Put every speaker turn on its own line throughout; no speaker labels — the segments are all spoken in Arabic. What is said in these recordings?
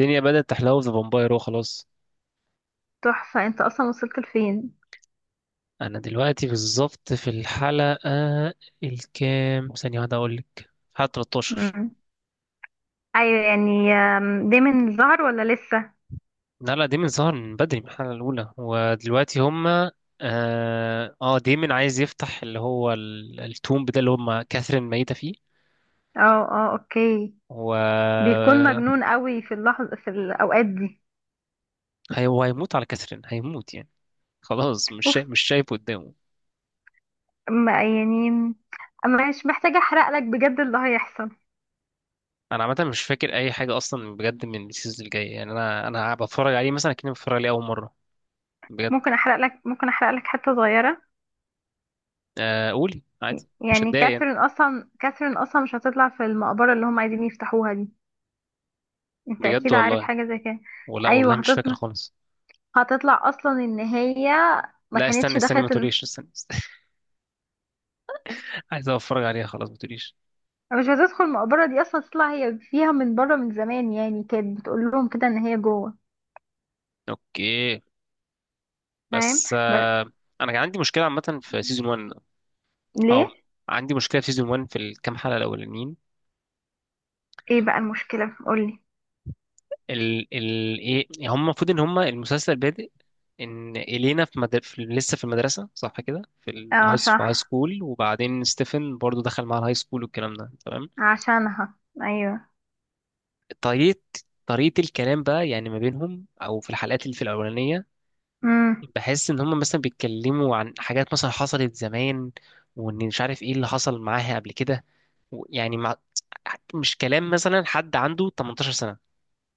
الدنيا بدأت تحلو في ذا فامباير. هو خلاص.
تحفة انت اصلا وصلت لفين؟
انا دلوقتي بالظبط في الحلقة الكام، ثانية واحدة اقول لك. حلقة 13.
مم. ايوه يعني ده من الظهر ولا لسه؟
لا لا، ديمن ظهر من بدري من الحلقة الأولى، ودلوقتي هما ديمن عايز يفتح اللي هو التومب ده اللي هما كاثرين ميتة فيه.
اه. اه اوكي.
و
بيكون مجنون قوي في اللحظة في الاوقات دي.
هو هيموت على كاثرين، هيموت يعني. خلاص مش
اوف.
شايف مش شايف قدامه.
ما يعني، أما مش محتاجة احرق لك بجد اللي هيحصل.
انا عامه مش فاكر اي حاجه اصلا بجد من السيزون الجاي، يعني انا بتفرج عليه مثلا كأني بتفرج عليه اول مره بجد.
ممكن احرق لك حتة صغيرة.
قولي عادي، مش
يعني
هتضايق يعني.
كاثرين اصلا مش هتطلع في المقبرة اللي هم عايزين يفتحوها دي. انت
بجد
اكيد عارف
والله،
حاجة زي كده.
ولا
ايوه
والله مش فاكر
هتطلع
خالص.
هتطلع اصلا، ان هي ما
لا استني
كانتش
استني ما
دخلت.
تقوليش، استني، استني. عايز اتفرج عليها، خلاص ما تقوليش.
أنا مش عايزة ادخل المقبرة دي اصلا، تطلع هي فيها من بره من زمان، يعني كانت بتقول لهم كده ان هي جوه.
اوكي،
فاهم.
بس
ب-
انا كان عندي مشكله عامه في سيزون 1، او
ليه؟
عندي مشكله في سيزون 1 في الكام حلقه الاولانيين.
ايه بقى المشكلة قولي.
ال ايه، هم المفروض ان هم المسلسل بادئ ان الينا في، لسه في المدرسه، صح كده؟
اه
في هاي
صح،
سكول، وبعدين ستيفن برضو دخل مع الهاي سكول والكلام ده تمام.
عشانها. ايوه.
طريقة طريقة الكلام بقى يعني ما بينهم، أو في الحلقات اللي في الأولانية،
امم.
بحس إن هما مثلا بيتكلموا عن حاجات مثلا حصلت زمان، وإن مش عارف إيه اللي حصل معاها قبل كده. و- يعني مع مش كلام مثلا حد عنده 18 سنة.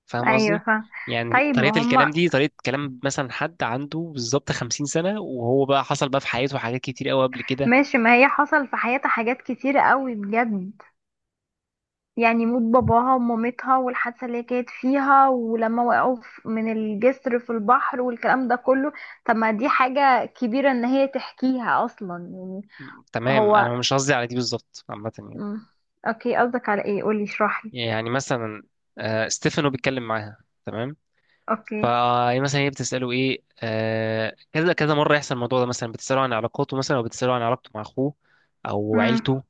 فاهم
ايوه
قصدي؟
فاهم.
يعني
طيب
طريقة
ما
الكلام
هما،
دي طريقة كلام مثلا حد عنده بالظبط 50 سنة، وهو بقى حصل بقى في حياته حاجات كتير قوي قبل كده.
ماشي، ما هي حصل في حياتها حاجات كتيرة قوي بجد. يعني موت باباها ومامتها والحادثة اللي هي كانت فيها ولما وقعوا من الجسر في البحر والكلام ده كله. طب ما دي حاجة كبيرة ان هي تحكيها اصلا يعني.
تمام،
هو
أنا مش قصدي على دي بالظبط، عامة يعني
مم. اوكي قصدك على ايه؟ قولي اشرحلي.
يعني مثلا، ستيفانو بيتكلم معاها تمام،
اوكي.
فمثلا هي بتسأله ايه، كذا كذا مرة يحصل الموضوع ده، مثلا بتسأله عن علاقاته، مثلا او بتسأله عن علاقته مع اخوه او
مم.
عيلته،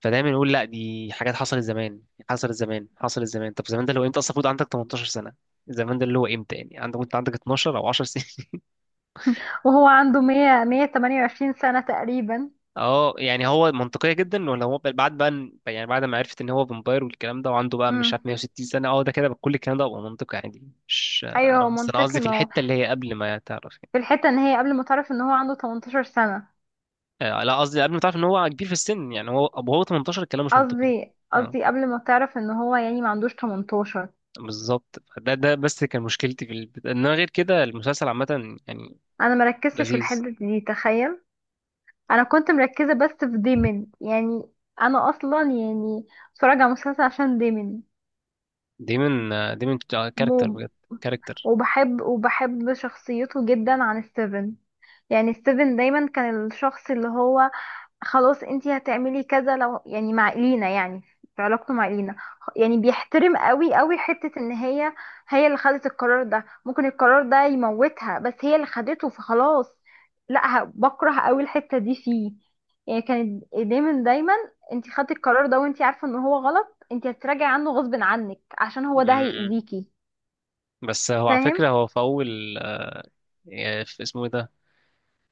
فدايما يقول لا دي حاجات حصلت زمان، حصلت زمان، حصلت زمان. طب زمان ده لو انت اصلا المفروض عندك 18 سنة، زمان ده اللي هو امتى يعني؟ كنت عندك 12 او 10 سنين.
وهو عنده 100 128 سنة تقريبا.
اه يعني هو منطقية جدا، ولا هو بعد بقى يعني بعد ما عرفت ان هو فامباير والكلام ده وعنده بقى مش عارف
مم.
160 سنة، اه ده كده كل الكلام ده بقى منطقي عادي. مش
ايوه
انا
هو
بس انا قصدي
منطقي،
في
ما هو
الحتة اللي هي قبل ما تعرف.
في الحتة ان هي قبل ما تعرف ان هو عنده 18 سنة.
لا قصدي قبل ما تعرف ان هو كبير في السن، يعني هو وهو 18 الكلام مش منطقي.
قصدي
اه
قصدي قبل ما تعرف ان هو يعني ما عندوش 18.
بالظبط. ده بس كان مشكلتي في انما غير كده المسلسل عامة يعني
انا مركزتش في
لذيذ.
الحتة دي تخيل. انا كنت مركزة بس في ديمن يعني. انا اصلا يعني بتفرج على مسلسل عشان ديمن.
دايما دايما كاركتر
موم.
بجد، كاركتر.
وبحب شخصيته جدا عن السيفن. يعني ستيفن دايما كان الشخص اللي هو، خلاص انتي هتعملي كذا لو يعني مع إلينا يعني، في علاقته مع إلينا. يعني بيحترم قوي قوي حتة ان هي، هي اللي خدت القرار ده، ممكن القرار ده يموتها بس هي اللي خدته فخلاص. لا بكره قوي الحتة دي فيه. يعني كانت دايما دايما، انتي خدتي القرار ده وانتي عارفة ان هو غلط، انتي هتراجعي عنه غصب عنك عشان هو ده
مم.
هيأذيكي.
بس هو على
فاهم.
فكرة هو في أول، في اسمه ايه ده،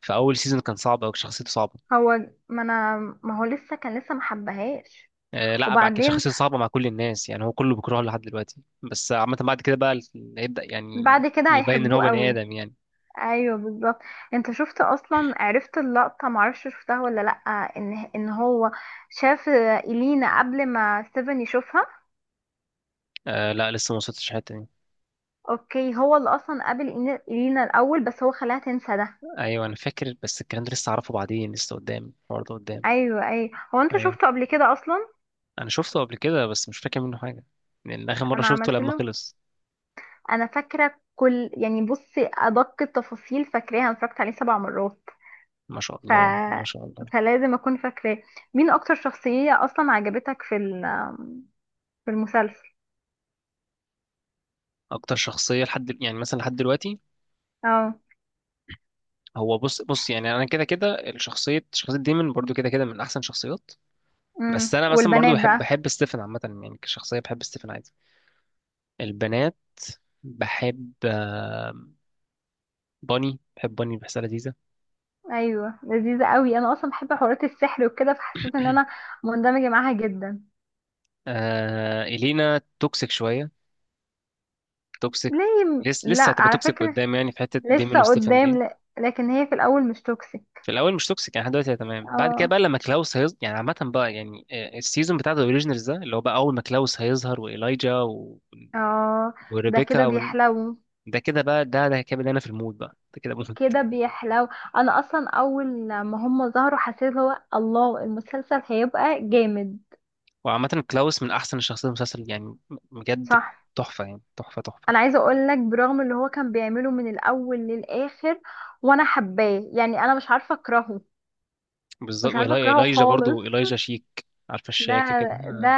في أول سيزون كان صعب أوي، شخصيته صعبة.
هو ما انا، ما هو لسه كان لسه محبهاش.
لا بعد كده
وبعدين
شخصيته صعبة مع كل الناس يعني، هو كله بيكرهه لحد دلوقتي، بس عامة بعد كده بقى هيبدأ يعني
بعد كده
يبين إن هو
هيحبوه
بني
قوي.
آدم يعني.
ايوه بالظبط. انت شفت اصلا، عرفت اللقطه؟ معرفش شفتها ولا لا، ان هو شاف الينا قبل ما ستيفن يشوفها.
لا لسه ما وصلتش الحتة دي.
اوكي، هو اللي اصلا قابل الينا الاول، بس هو خلاها تنسى ده.
ايوه انا فاكر، بس الكلام ده لسه اعرفه بعدين، لسه قدام، الحوار ده قدام.
ايوه ايوه، هو انت
ايوه
شفته قبل كده اصلا.
انا شفته قبل كده، بس مش فاكر منه حاجه، لان اخر مره
انا
شفته
عملت
لما
له،
خلص.
انا فاكره كل، يعني بصي ادق التفاصيل فاكراها، انا اتفرجت عليه سبع مرات.
ما شاء
ف
الله ما شاء الله.
فلازم اكون فاكراه. مين اكتر شخصيه اصلا عجبتك في في المسلسل؟
اكتر شخصيه لحد يعني مثلا لحد دلوقتي،
اه.
هو بص بص، يعني انا كده كده الشخصيه، شخصيه ديمون برضو كده كده من احسن شخصيات. بس
امم،
انا مثلا برضو
والبنات
بحب
بقى؟
بحب ستيفن عامه يعني، كشخصيه بحب ستيفن عادي. البنات بحب باني، بحسها لذيذه.
ايوه لذيذه قوي، انا اصلا بحب حوارات السحر وكده، فحسيت ان انا مندمجه معاها جدا.
إلينا توكسيك شويه، توكسيك.
ليه؟
لسه
لا
لسه هتبقى
على
توكسيك
فكره
قدام، يعني في حته ديمون
لسه
وستيفن دي.
قدام لكن هي في الاول مش توكسيك.
في الاول مش توكسيك، يعني لحد دلوقتي هي تمام. بعد كده
اه.
بقى لما كلاوس هيظهر يعني، عامه بقى يعني، السيزون بتاع ذا اوريجينالز ده اللي هو بقى اول ما كلاوس هيظهر وايلايجا
اه ده
وريبيكا
كده بيحلو،
ده كده بقى. ده كده بدأنا في المود بقى، ده كده مود.
كده بيحلو. انا اصلا اول ما هم ظهروا حسيت، هو الله، المسلسل هيبقى جامد.
وعامه كلاوس من احسن الشخصيات المسلسل يعني، بجد
صح.
تحفه يعني، تحفه تحفه.
انا عايزه اقول لك، برغم اللي هو كان بيعمله من الاول للاخر، وانا حباه، يعني انا مش عارفه اكرهه،
بالظبط،
مش عارفة اكرهه
وايلايجا
خالص.
برضو، ايلايجا شيك، عارفه
ده
الشياكه كده.
ده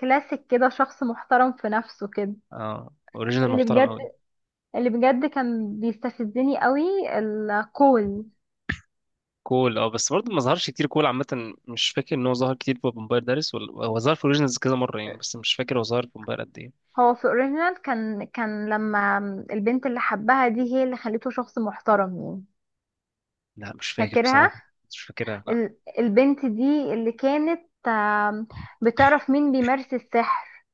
كلاسيك كده، شخص محترم في نفسه كده.
اه اوريجينال
اللي
محترم
بجد
قوي.
اللي بجد كان بيستفزني قوي، الكول.
كول، اه، بس برضه ما ظهرش كتير. كول عامة مش فاكر ان هو ظهر كتير في فامباير دارس، ولا هو ظهر في اوريجينالز كذا مرة يعني، بس مش فاكر هو ظهر في فامباير قد ايه.
هو في اوريجينال كان لما البنت اللي حبها دي، هي اللي خليته شخص محترم يعني.
لا مش فاكر
فاكرها؟
بصراحة. مش فاكرها لا.
البنت دي اللي كانت بتعرف مين بيمارس السحر.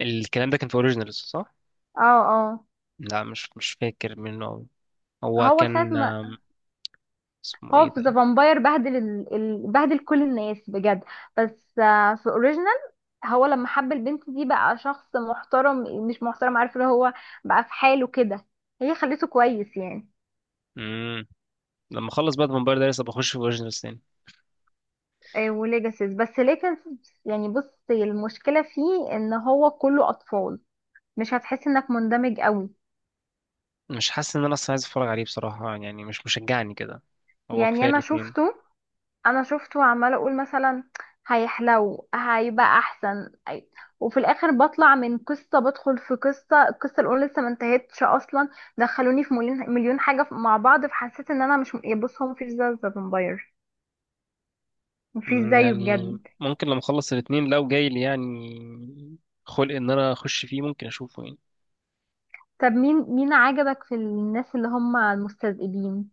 الكلام ده كان في اوريجينالز، صح؟
اه. اه
لا مش فاكر منه أوي. هو
هو ساعة
كان،
ما،
اسمه
هو
ايه
في
ده؟
ذا فامباير بهدل بهدل كل الناس بجد. بس في اوريجينال، هو لما حب البنت دي بقى شخص محترم، مش محترم عارف، اللي هو بقى في حاله كده، هي خليته كويس يعني.
امم لما اخلص بقى فامباير دارس ابقى اخش في اوريجينالز تاني.
وليجاسيس، بس ليجاسيس يعني بصي المشكلة فيه ان هو كله اطفال، مش هتحس انك مندمج قوي.
مش حاسس ان انا اصلا عايز اتفرج عليه بصراحة يعني، مش مشجعني كده، هو
يعني
كفاية
انا
الاتنين.
شفته، عمالة اقول مثلا هيحلو هيبقى احسن وفي الاخر بطلع من قصة بدخل في قصة، القصة الاولى لسه ما انتهتش اصلا، دخلوني في مليون مليون حاجة مع بعض، فحسيت ان انا مش، بص هو مفيش ذا فامباير، مفيش زيه
يعني
بجد.
ممكن لما اخلص الاتنين لو جاي لي يعني خلق ان انا اخش فيه، ممكن اشوفه يعني.
طب مين عجبك في الناس اللي هم المستذئبين؟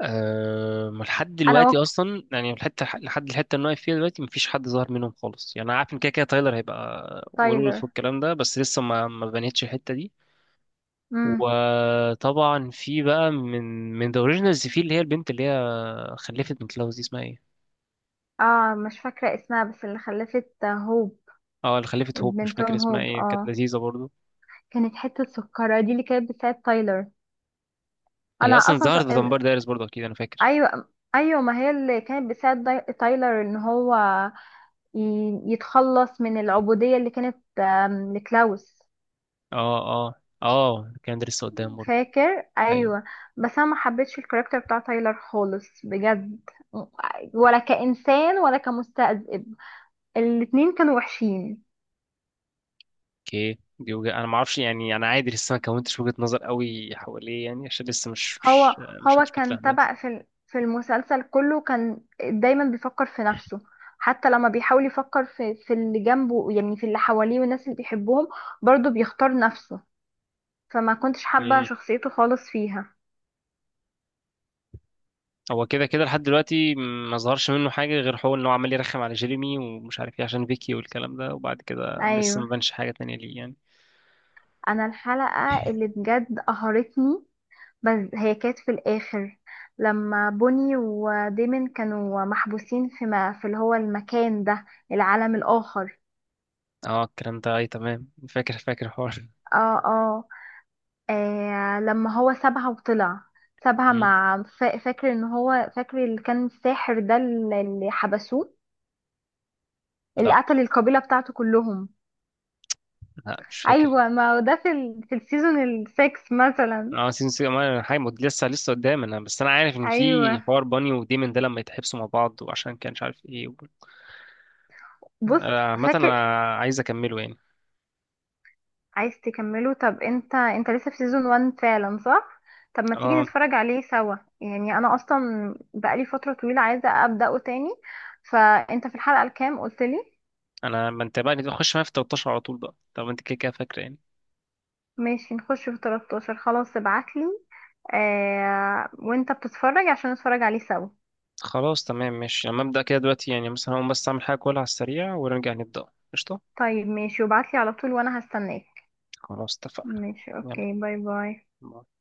لحد
انا
دلوقتي
وك
اصلا يعني الحته، لحد الحته اللي أنا واقف فيها دلوقتي مفيش حد ظهر منهم خالص، يعني انا عارف ان كده كده تايلر هيبقى
تايلر.
ويرولف والكلام ده، بس لسه ما بنيتش الحته دي.
امم.
وطبعا في بقى من، ذا اوريجينالز، في اللي هي البنت اللي هي خلفت من كلاوس دي، اسمها ايه؟
اه مش فاكره اسمها، بس اللي خلفت هوب،
اه اللي خلفت هوب، مش فاكر
بنتهم
اسمها
هوب
ايه، كانت
اه.
لذيذه برضو.
كانت حته سكره دي اللي كانت بتساعد تايلر.
هي
انا
اصلا
اصلا
ظهرت في دمبار دايرس برضو اكيد انا فاكر.
ايوه ايوه، ما هي اللي كانت بتساعد تايلر ان هو ي... يتخلص من العبوديه اللي كانت لكلاوس.
اه، اه، اه كان ده لسه قدام برضو.
فاكر؟
أيوة.
ايوه. بس انا ما حبيتش الكاركتر بتاع تايلر خالص بجد، ولا كانسان ولا كمستذئب، الاتنين كانوا وحشين.
اوكي دي وجهة، انا ما اعرفش يعني، انا عادي لسه ما كونتش وجهة نظر قوي حواليه، يعني عشان لسه مش مش
هو
مش
هو
كنتش
كان
بتلهدها.
تبع في في المسلسل كله، كان دايما بيفكر في نفسه. حتى لما بيحاول يفكر في اللي جنبه، يعني في اللي حواليه والناس اللي بيحبهم، برضه بيختار نفسه. فما كنتش حابة
امم
شخصيته خالص فيها.
هو كده كده لحد دلوقتي ما ظهرش منه حاجة، غير هو ان هو عمال يرخم على جيريمي ومش عارف ايه عشان فيكي والكلام ده، وبعد كده لسه ما
ايوه.
بانش حاجة تانية ليه يعني.
انا الحلقة اللي بجد قهرتني، بس هي كانت في الآخر، لما بوني وديمن كانوا محبوسين في ما في اللي هو المكان ده، العالم الآخر.
اه الكلام ده اي تمام، فاكر فاكر الحوار.
اه. اه. لما هو سابها وطلع، سابها
مم.
مع فاكر ان هو، فاكر اللي كان الساحر ده اللي حبسوه، اللي
لا
قتل القبيلة بتاعته كلهم.
لا مش فاكر.
ايوه ما هو ده في في السيزون السكس مثلا.
اه سيزون 6، لسه لسه قدام انا، بس انا عارف ان في
ايوه.
حوار باني وديمن ده لما يتحبسوا مع بعض وعشان كان مش عارف ايه
بص.
عامة انا
فاكر
عايز اكمله يعني.
عايز تكمله؟ طب انت لسه في سيزون 1 فعلا صح؟ طب ما تيجي
اه
نتفرج عليه سوا، يعني انا اصلا بقالي فترة طويلة عايزة ابدأه تاني. فانت في الحلقة الكام قلت لي؟
ما انت بقى نخش معايا في 13 على طول بقى، طب انت كده كده فاكره يعني.
ماشي نخش في 13 خلاص، ابعتلي آه وانت بتتفرج عشان نتفرج عليه سوا.
خلاص تمام ماشي، لما ابدا كده دلوقتي يعني مثلا، هقوم بس اعمل حاجه كلها على السريع ونرجع نبدا. قشطه.
طيب ماشي، وابعتلي على طول وانا هستناك.
خلاص اتفقنا.
ماشي، اوكي، باي باي.
يلا.